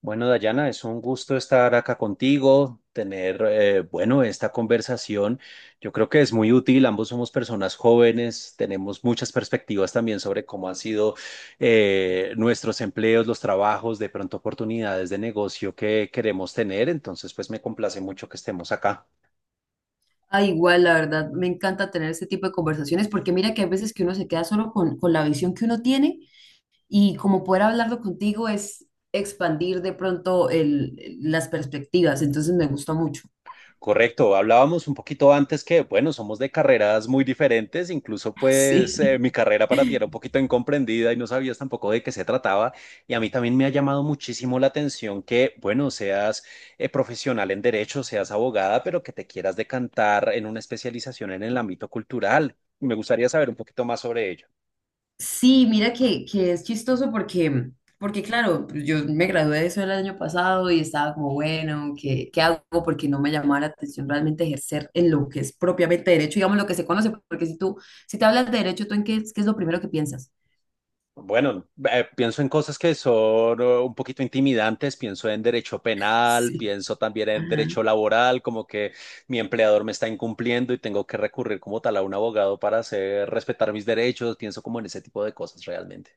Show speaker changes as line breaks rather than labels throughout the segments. Bueno, Dayana, es un gusto estar acá contigo, tener, bueno, esta conversación. Yo creo que es muy útil, ambos somos personas jóvenes, tenemos muchas perspectivas también sobre cómo han sido nuestros empleos, los trabajos, de pronto oportunidades de negocio que queremos tener. Entonces, pues me complace mucho que estemos acá.
Ah, igual, la verdad, me encanta tener este tipo de conversaciones porque mira que hay veces que uno se queda solo con la visión que uno tiene y como poder hablarlo contigo es expandir de pronto las perspectivas, entonces me gusta mucho.
Correcto, hablábamos un poquito antes que, bueno, somos de carreras muy diferentes, incluso pues
Sí.
mi carrera para ti era un poquito incomprendida y no sabías tampoco de qué se trataba, y a mí también me ha llamado muchísimo la atención que, bueno, seas profesional en derecho, seas abogada, pero que te quieras decantar en una especialización en el ámbito cultural. Me gustaría saber un poquito más sobre ello.
Sí, mira que es chistoso porque, porque claro, pues yo me gradué de eso el año pasado y estaba como, bueno, ¿qué hago? Porque no me llamaba la atención realmente ejercer en lo que es propiamente derecho, digamos, lo que se conoce, porque si te hablas de derecho, ¿tú en qué, qué es lo primero que piensas?
Bueno, pienso en cosas que son un poquito intimidantes, pienso en derecho penal,
Sí.
pienso también en
Ajá.
derecho laboral, como que mi empleador me está incumpliendo y tengo que recurrir como tal a un abogado para hacer respetar mis derechos, pienso como en ese tipo de cosas realmente.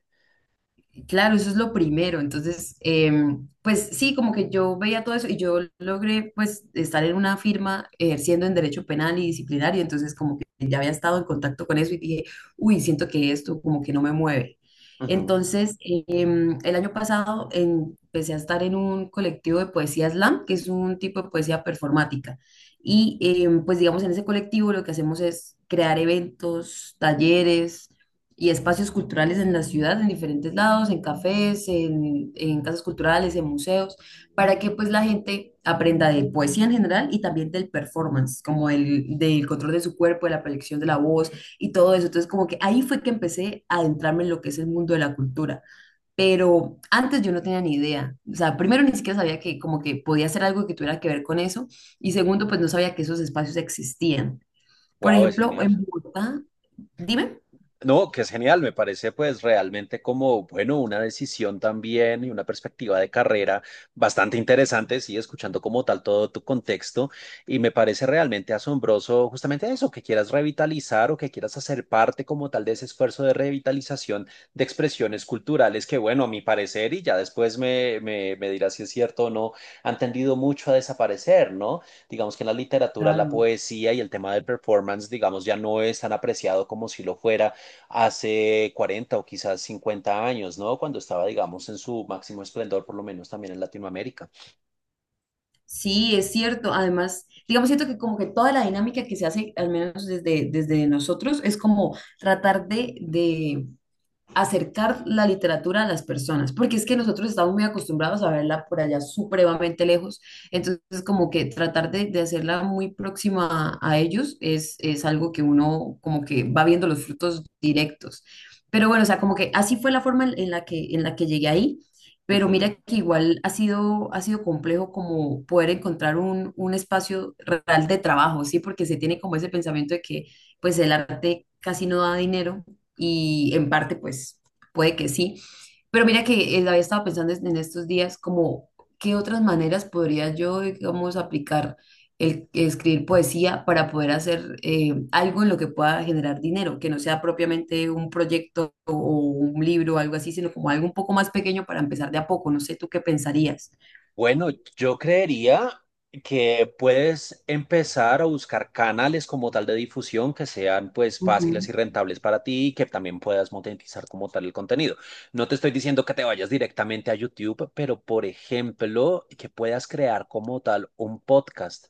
Claro, eso es lo primero. Entonces, pues sí, como que yo veía todo eso y yo logré pues estar en una firma ejerciendo en derecho penal y disciplinario, entonces como que ya había estado en contacto con eso y dije, uy, siento que esto como que no me mueve. Entonces, el año pasado empecé a estar en un colectivo de poesía slam, que es un tipo de poesía performática. Y pues digamos, en ese colectivo lo que hacemos es crear eventos, talleres y espacios culturales en la ciudad, en diferentes lados, en cafés, en casas culturales, en museos, para que pues la gente aprenda de poesía en general y también del performance, como el del control de su cuerpo, de la proyección de la voz y todo eso. Entonces como que ahí fue que empecé a adentrarme en lo que es el mundo de la cultura, pero antes yo no tenía ni idea. O sea, primero ni siquiera sabía que como que podía hacer algo que tuviera que ver con eso y segundo pues no sabía que esos espacios existían. Por
Wow, es
ejemplo,
genial.
en Bogotá, dime.
No, que es genial, me parece pues realmente como, bueno, una decisión también y una perspectiva de carrera bastante interesante, sí, escuchando como tal todo tu contexto, y me parece realmente asombroso justamente eso, que quieras revitalizar o que quieras hacer parte como tal de ese esfuerzo de revitalización de expresiones culturales que, bueno, a mi parecer, y ya después me dirás si es cierto o no, han tendido mucho a desaparecer, ¿no? Digamos que en la literatura, la
Claro.
poesía y el tema del performance, digamos, ya no es tan apreciado como si lo fuera hace 40 o quizás 50 años, ¿no? Cuando estaba, digamos, en su máximo esplendor, por lo menos también en Latinoamérica.
Sí, es cierto. Además, digamos, siento que como que toda la dinámica que se hace, al menos desde nosotros, es como tratar de acercar la literatura a las personas, porque es que nosotros estamos muy acostumbrados a verla por allá supremamente lejos, entonces como que tratar de hacerla muy próxima a ellos es algo que uno como que va viendo los frutos directos. Pero bueno, o sea, como que así fue la forma en la que en la que llegué ahí, pero
Ujú.
mira que igual ha sido complejo como poder encontrar un espacio real de trabajo, ¿sí? Porque se tiene como ese pensamiento de que pues el arte casi no da dinero y en parte pues puede que sí, pero mira que había estado pensando en estos días como qué otras maneras podría yo, digamos, aplicar el escribir poesía para poder hacer algo en lo que pueda generar dinero, que no sea propiamente un proyecto o un libro o algo así, sino como algo un poco más pequeño para empezar de a poco. No sé, ¿tú qué pensarías?
Bueno, yo creería que puedes empezar a buscar canales como tal de difusión que sean pues fáciles
Ujú.
y rentables para ti y que también puedas monetizar como tal el contenido. No te estoy diciendo que te vayas directamente a YouTube, pero por ejemplo, que puedas crear como tal un podcast.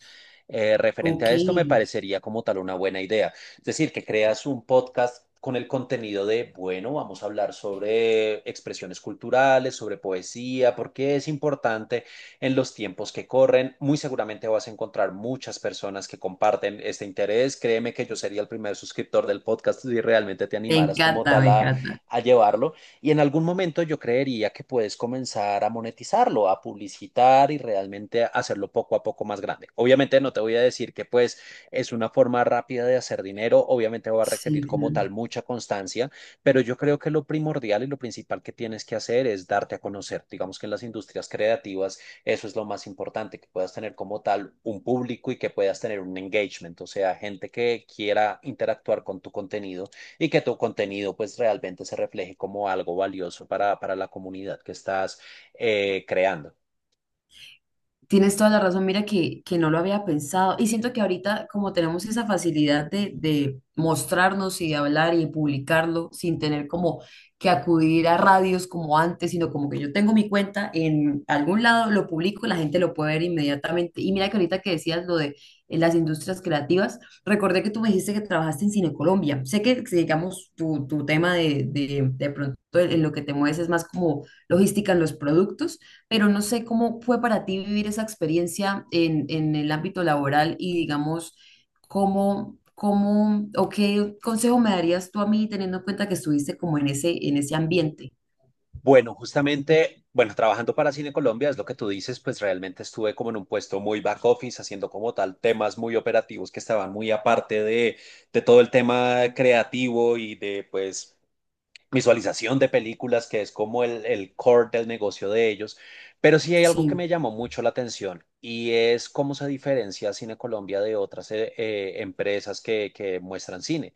Referente a
Ok,
esto me
me
parecería como tal una buena idea. Es decir, que creas un podcast con el contenido de, bueno, vamos a hablar sobre expresiones culturales, sobre poesía, porque es importante en los tiempos que corren. Muy seguramente vas a encontrar muchas personas que comparten este interés. Créeme que yo sería el primer suscriptor del podcast si realmente te animaras como
encanta,
tal
me encanta.
a llevarlo. Y en algún momento yo creería que puedes comenzar a monetizarlo, a publicitar y realmente hacerlo poco a poco más grande. Obviamente no te voy a decir que pues es una forma rápida de hacer dinero, obviamente va a
Sí,
requerir como tal
claro.
mucha constancia, pero yo creo que lo primordial y lo principal que tienes que hacer es darte a conocer. Digamos que en las industrias creativas eso es lo más importante, que puedas tener como tal un público y que puedas tener un engagement, o sea, gente que quiera interactuar con tu contenido y que tu contenido pues realmente se refleje como algo valioso para la comunidad que estás creando.
Tienes toda la razón, mira que no lo había pensado y siento que ahorita como tenemos esa facilidad de mostrarnos y de hablar y publicarlo sin tener como que acudir a radios como antes, sino como que yo tengo mi cuenta en algún lado, lo publico, la gente lo puede ver inmediatamente. Y mira que ahorita que decías lo de las industrias creativas, recordé que tú me dijiste que trabajaste en Cine Colombia. Sé que, digamos, tu tema de de pronto en lo que te mueves es más como logística en los productos, pero no sé cómo fue para ti vivir esa experiencia en el ámbito laboral y digamos, cómo o qué consejo me darías tú a mí teniendo en cuenta que estuviste como en en ese ambiente.
Bueno, justamente, bueno, trabajando para Cine Colombia, es lo que tú dices, pues realmente estuve como en un puesto muy back office, haciendo como tal temas muy operativos que estaban muy aparte de todo el tema creativo y de pues visualización de películas, que es como el core del negocio de ellos. Pero sí hay algo que
Sí,
me llamó mucho la atención y es cómo se diferencia Cine Colombia de otras empresas que muestran cine.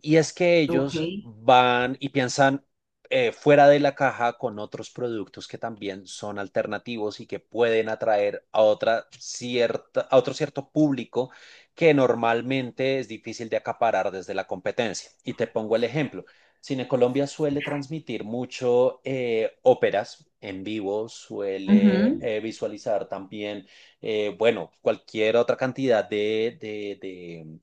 Y es que
ok.
ellos van y piensan fuera de la caja con otros productos que también son alternativos y que pueden atraer a, otra cierta, a otro cierto público que normalmente es difícil de acaparar desde la competencia. Y te pongo el ejemplo. Cine Colombia suele transmitir mucho óperas en vivo, suele
Ujú.
visualizar también, bueno, cualquier otra cantidad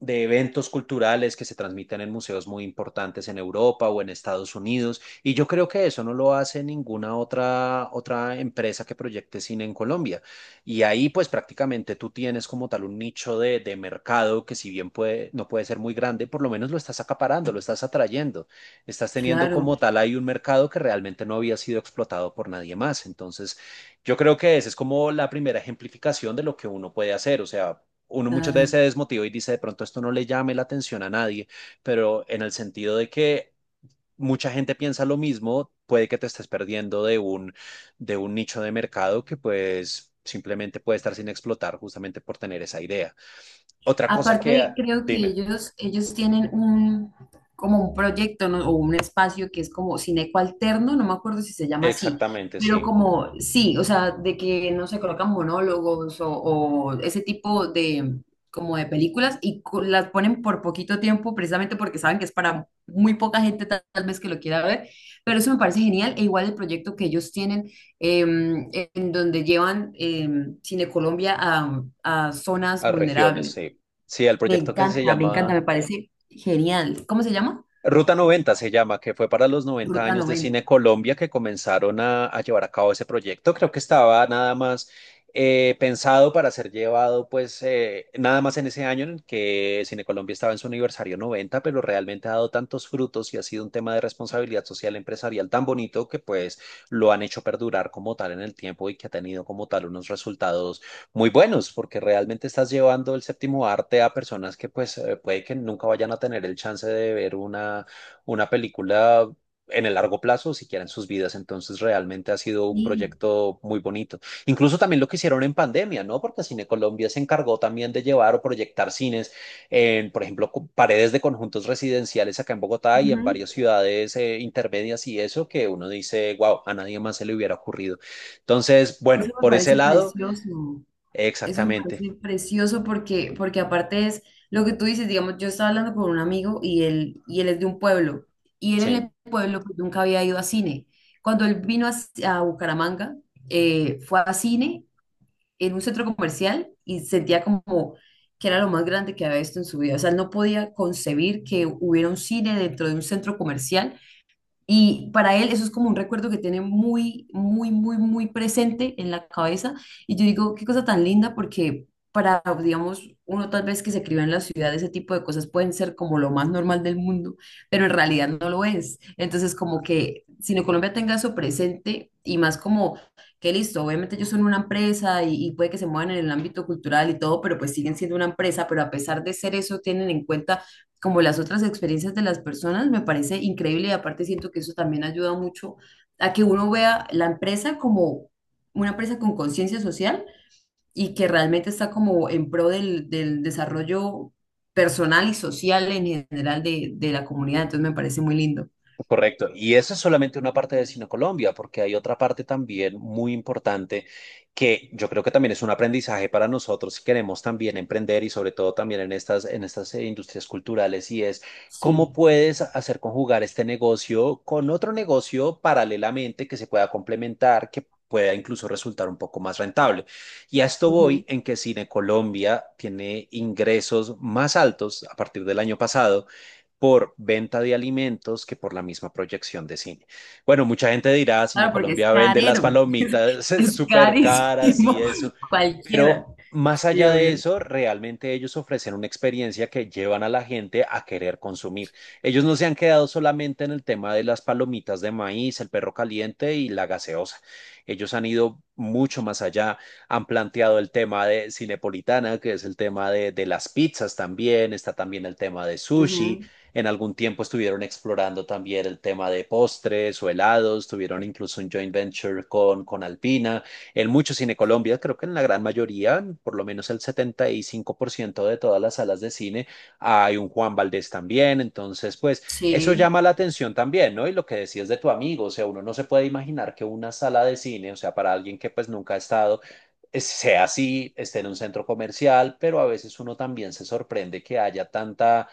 de eventos culturales que se transmiten en museos muy importantes en Europa o en Estados Unidos. Y yo creo que eso no lo hace ninguna otra, otra empresa que proyecte cine en Colombia. Y ahí pues prácticamente tú tienes como tal un nicho de mercado que si bien puede, no puede ser muy grande, por lo menos lo estás acaparando, lo estás atrayendo. Estás teniendo
Claro,
como tal ahí un mercado que realmente no había sido explotado por nadie más. Entonces, yo creo que esa es como la primera ejemplificación de lo que uno puede hacer. O sea, uno muchas veces
claro.
se desmotiva y dice, de pronto esto no le llame la atención a nadie, pero en el sentido de que mucha gente piensa lo mismo, puede que te estés perdiendo de un nicho de mercado que pues simplemente puede estar sin explotar justamente por tener esa idea. Otra cosa que,
Aparte, creo que
dime,
ellos tienen como un proyecto, ¿no? o un espacio que es como Cineco Alterno, no me acuerdo si se llama así,
exactamente,
pero
sí,
como sí, o sea, de que no se colocan monólogos o ese tipo de, como de películas y las ponen por poquito tiempo precisamente porque saben que es para muy poca gente tal vez que lo quiera ver, pero eso me parece genial e igual el proyecto que ellos tienen en donde llevan Cine Colombia a zonas
a regiones,
vulnerables.
sí. Sí, al
Me
proyecto que se
encanta, me encanta,
llama
me parece genial. ¿Cómo se llama?
Ruta 90 se llama, que fue para los noventa
Ruta
años de Cine
90.
Colombia que comenzaron a llevar a cabo ese proyecto. Creo que estaba nada más pensado para ser llevado, pues, nada más en ese año en el que Cine Colombia estaba en su aniversario 90, pero realmente ha dado tantos frutos y ha sido un tema de responsabilidad social empresarial tan bonito que, pues, lo han hecho perdurar como tal en el tiempo y que ha tenido como tal unos resultados muy buenos, porque realmente estás llevando el séptimo arte a personas que pues puede que nunca vayan a tener el chance de ver una película en el largo plazo, siquiera en sus vidas. Entonces, realmente ha sido un
Sí.
proyecto muy bonito. Incluso también lo que hicieron en pandemia, ¿no? Porque Cine Colombia se encargó también de llevar o proyectar cines en, por ejemplo, paredes de conjuntos residenciales acá en Bogotá y en
Ujú.
varias ciudades intermedias y eso que uno dice, wow, a nadie más se le hubiera ocurrido. Entonces,
Eso
bueno,
me
por ese
parece
lado.
precioso. Eso me
Exactamente,
parece precioso porque, porque aparte es lo que tú dices, digamos, yo estaba hablando con un amigo y él es de un pueblo. Y él en
sí,
el pueblo pues, nunca había ido a cine. Cuando él vino a Bucaramanga, fue a cine en un centro comercial y sentía como que era lo más grande que había visto en su vida. O sea, él no podía concebir que hubiera un cine dentro de un centro comercial y para él eso es como un recuerdo que tiene muy presente en la cabeza. Y yo digo, qué cosa tan linda, porque para, digamos, uno tal vez que se crió en la ciudad, ese tipo de cosas pueden ser como lo más normal del mundo, pero en realidad no lo es. Entonces, como que Sino Colombia tenga eso presente y más como que listo, obviamente ellos son una empresa y puede que se muevan en el ámbito cultural y todo, pero pues siguen siendo una empresa, pero a pesar de ser eso, tienen en cuenta como las otras experiencias de las personas, me parece increíble y aparte siento que eso también ayuda mucho a que uno vea la empresa como una empresa con conciencia social y que realmente está como en pro del desarrollo personal y social en general de la comunidad. Entonces me parece muy lindo.
correcto. Y esa es solamente una parte de Cine Colombia, porque hay otra parte también muy importante que yo creo que también es un aprendizaje para nosotros si queremos también emprender y sobre todo también en estas industrias culturales y es cómo
Sí.
puedes hacer conjugar este negocio con otro negocio paralelamente que se pueda complementar, que pueda incluso resultar un poco más rentable. Y a esto voy
Ujú.
en que Cine Colombia tiene ingresos más altos a partir del año pasado por venta de alimentos que por la misma proyección de cine. Bueno, mucha gente dirá, Cine
Claro, porque es
Colombia vende las
carero,
palomitas
es
súper caras
carísimo
y eso,
cualquiera.
pero más
Sí,
allá de
obvio.
eso, realmente ellos ofrecen una experiencia que llevan a la gente a querer consumir. Ellos no se han quedado solamente en el tema de las palomitas de maíz, el perro caliente y la gaseosa. Ellos han ido mucho más allá, han planteado el tema de Cinepolitana, que es el tema de las pizzas también, está también el tema de sushi,
Ujú.
en algún tiempo estuvieron explorando también el tema de postres o helados, tuvieron incluso un joint venture con Alpina. En muchos cine Colombia, creo que en la gran mayoría, por lo menos el 75% de todas las salas de cine, hay un Juan Valdés también. Entonces, pues eso
Sí,
llama la atención también, ¿no? Y lo que decías de tu amigo, o sea, uno no se puede imaginar que una sala de cine, o sea, para alguien que pues nunca ha estado sea así, esté en un centro comercial, pero a veces uno también se sorprende que haya tanta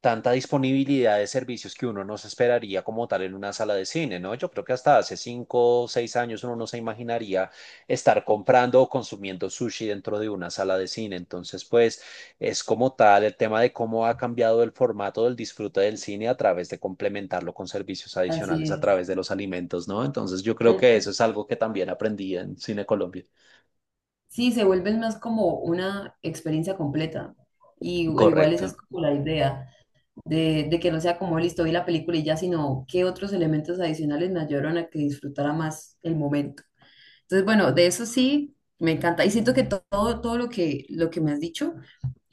tanta disponibilidad de servicios que uno no se esperaría como tal en una sala de cine, ¿no? Yo creo que hasta hace 5 o 6 años uno no se imaginaría estar comprando o consumiendo sushi dentro de una sala de cine. Entonces, pues es como tal el tema de cómo ha cambiado el formato del disfrute del cine a través de complementarlo con servicios adicionales
así
a través de los alimentos, ¿no? Entonces, yo creo que
es.
eso es algo que también aprendí en Cine Colombia.
Sí, se vuelven más como una experiencia completa. Y igual esa es
Correcto.
como la idea, de que no sea como listo, vi la película y ya, sino qué otros elementos adicionales me ayudaron a que disfrutara más el momento. Entonces, bueno, de eso sí, me encanta. Y siento que todo, todo lo que me has dicho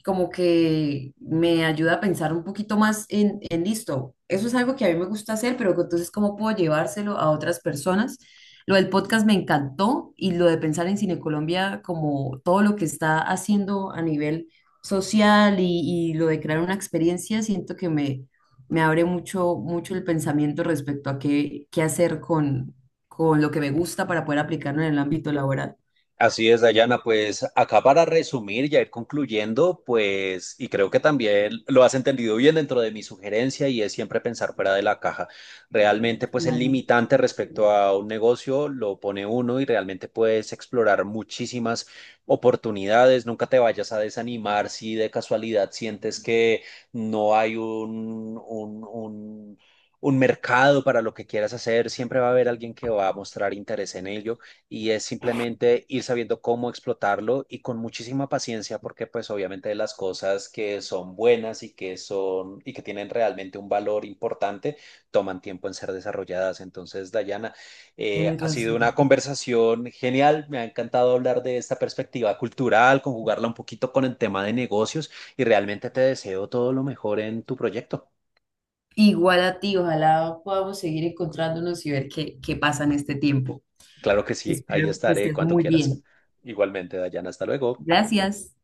como que me ayuda a pensar un poquito más en listo. Eso es algo que a mí me gusta hacer, pero que entonces cómo puedo llevárselo a otras personas. Lo del podcast me encantó y lo de pensar en Cine Colombia como todo lo que está haciendo a nivel social y lo de crear una experiencia, siento que me abre mucho, mucho el pensamiento respecto a qué hacer con lo que me gusta para poder aplicarlo en el ámbito laboral.
Así es, Dayana. Pues acá para resumir y ir concluyendo, pues, y creo que también lo has entendido bien dentro de mi sugerencia y es siempre pensar fuera de la caja. Realmente, pues, el
Claro,
limitante respecto a un negocio lo pone uno y realmente puedes explorar muchísimas oportunidades. Nunca te vayas a desanimar si de casualidad sientes que no hay un mercado para lo que quieras hacer. Siempre va a haber alguien que va a mostrar interés en ello y es simplemente ir sabiendo cómo explotarlo y con muchísima paciencia porque pues obviamente las cosas que son buenas y que son y que tienen realmente un valor importante toman tiempo en ser desarrolladas. Entonces, Dayana,
tienes
ha sido una
razón.
conversación genial, me ha encantado hablar de esta perspectiva cultural, conjugarla un poquito con el tema de negocios y realmente te deseo todo lo mejor en tu proyecto.
Igual a ti, ojalá podamos seguir encontrándonos y ver qué pasa en este tiempo.
Claro que sí, ahí
Espero que
estaré
estés
cuando
muy
quieras.
bien.
Igualmente, Dayana, hasta luego.
Gracias.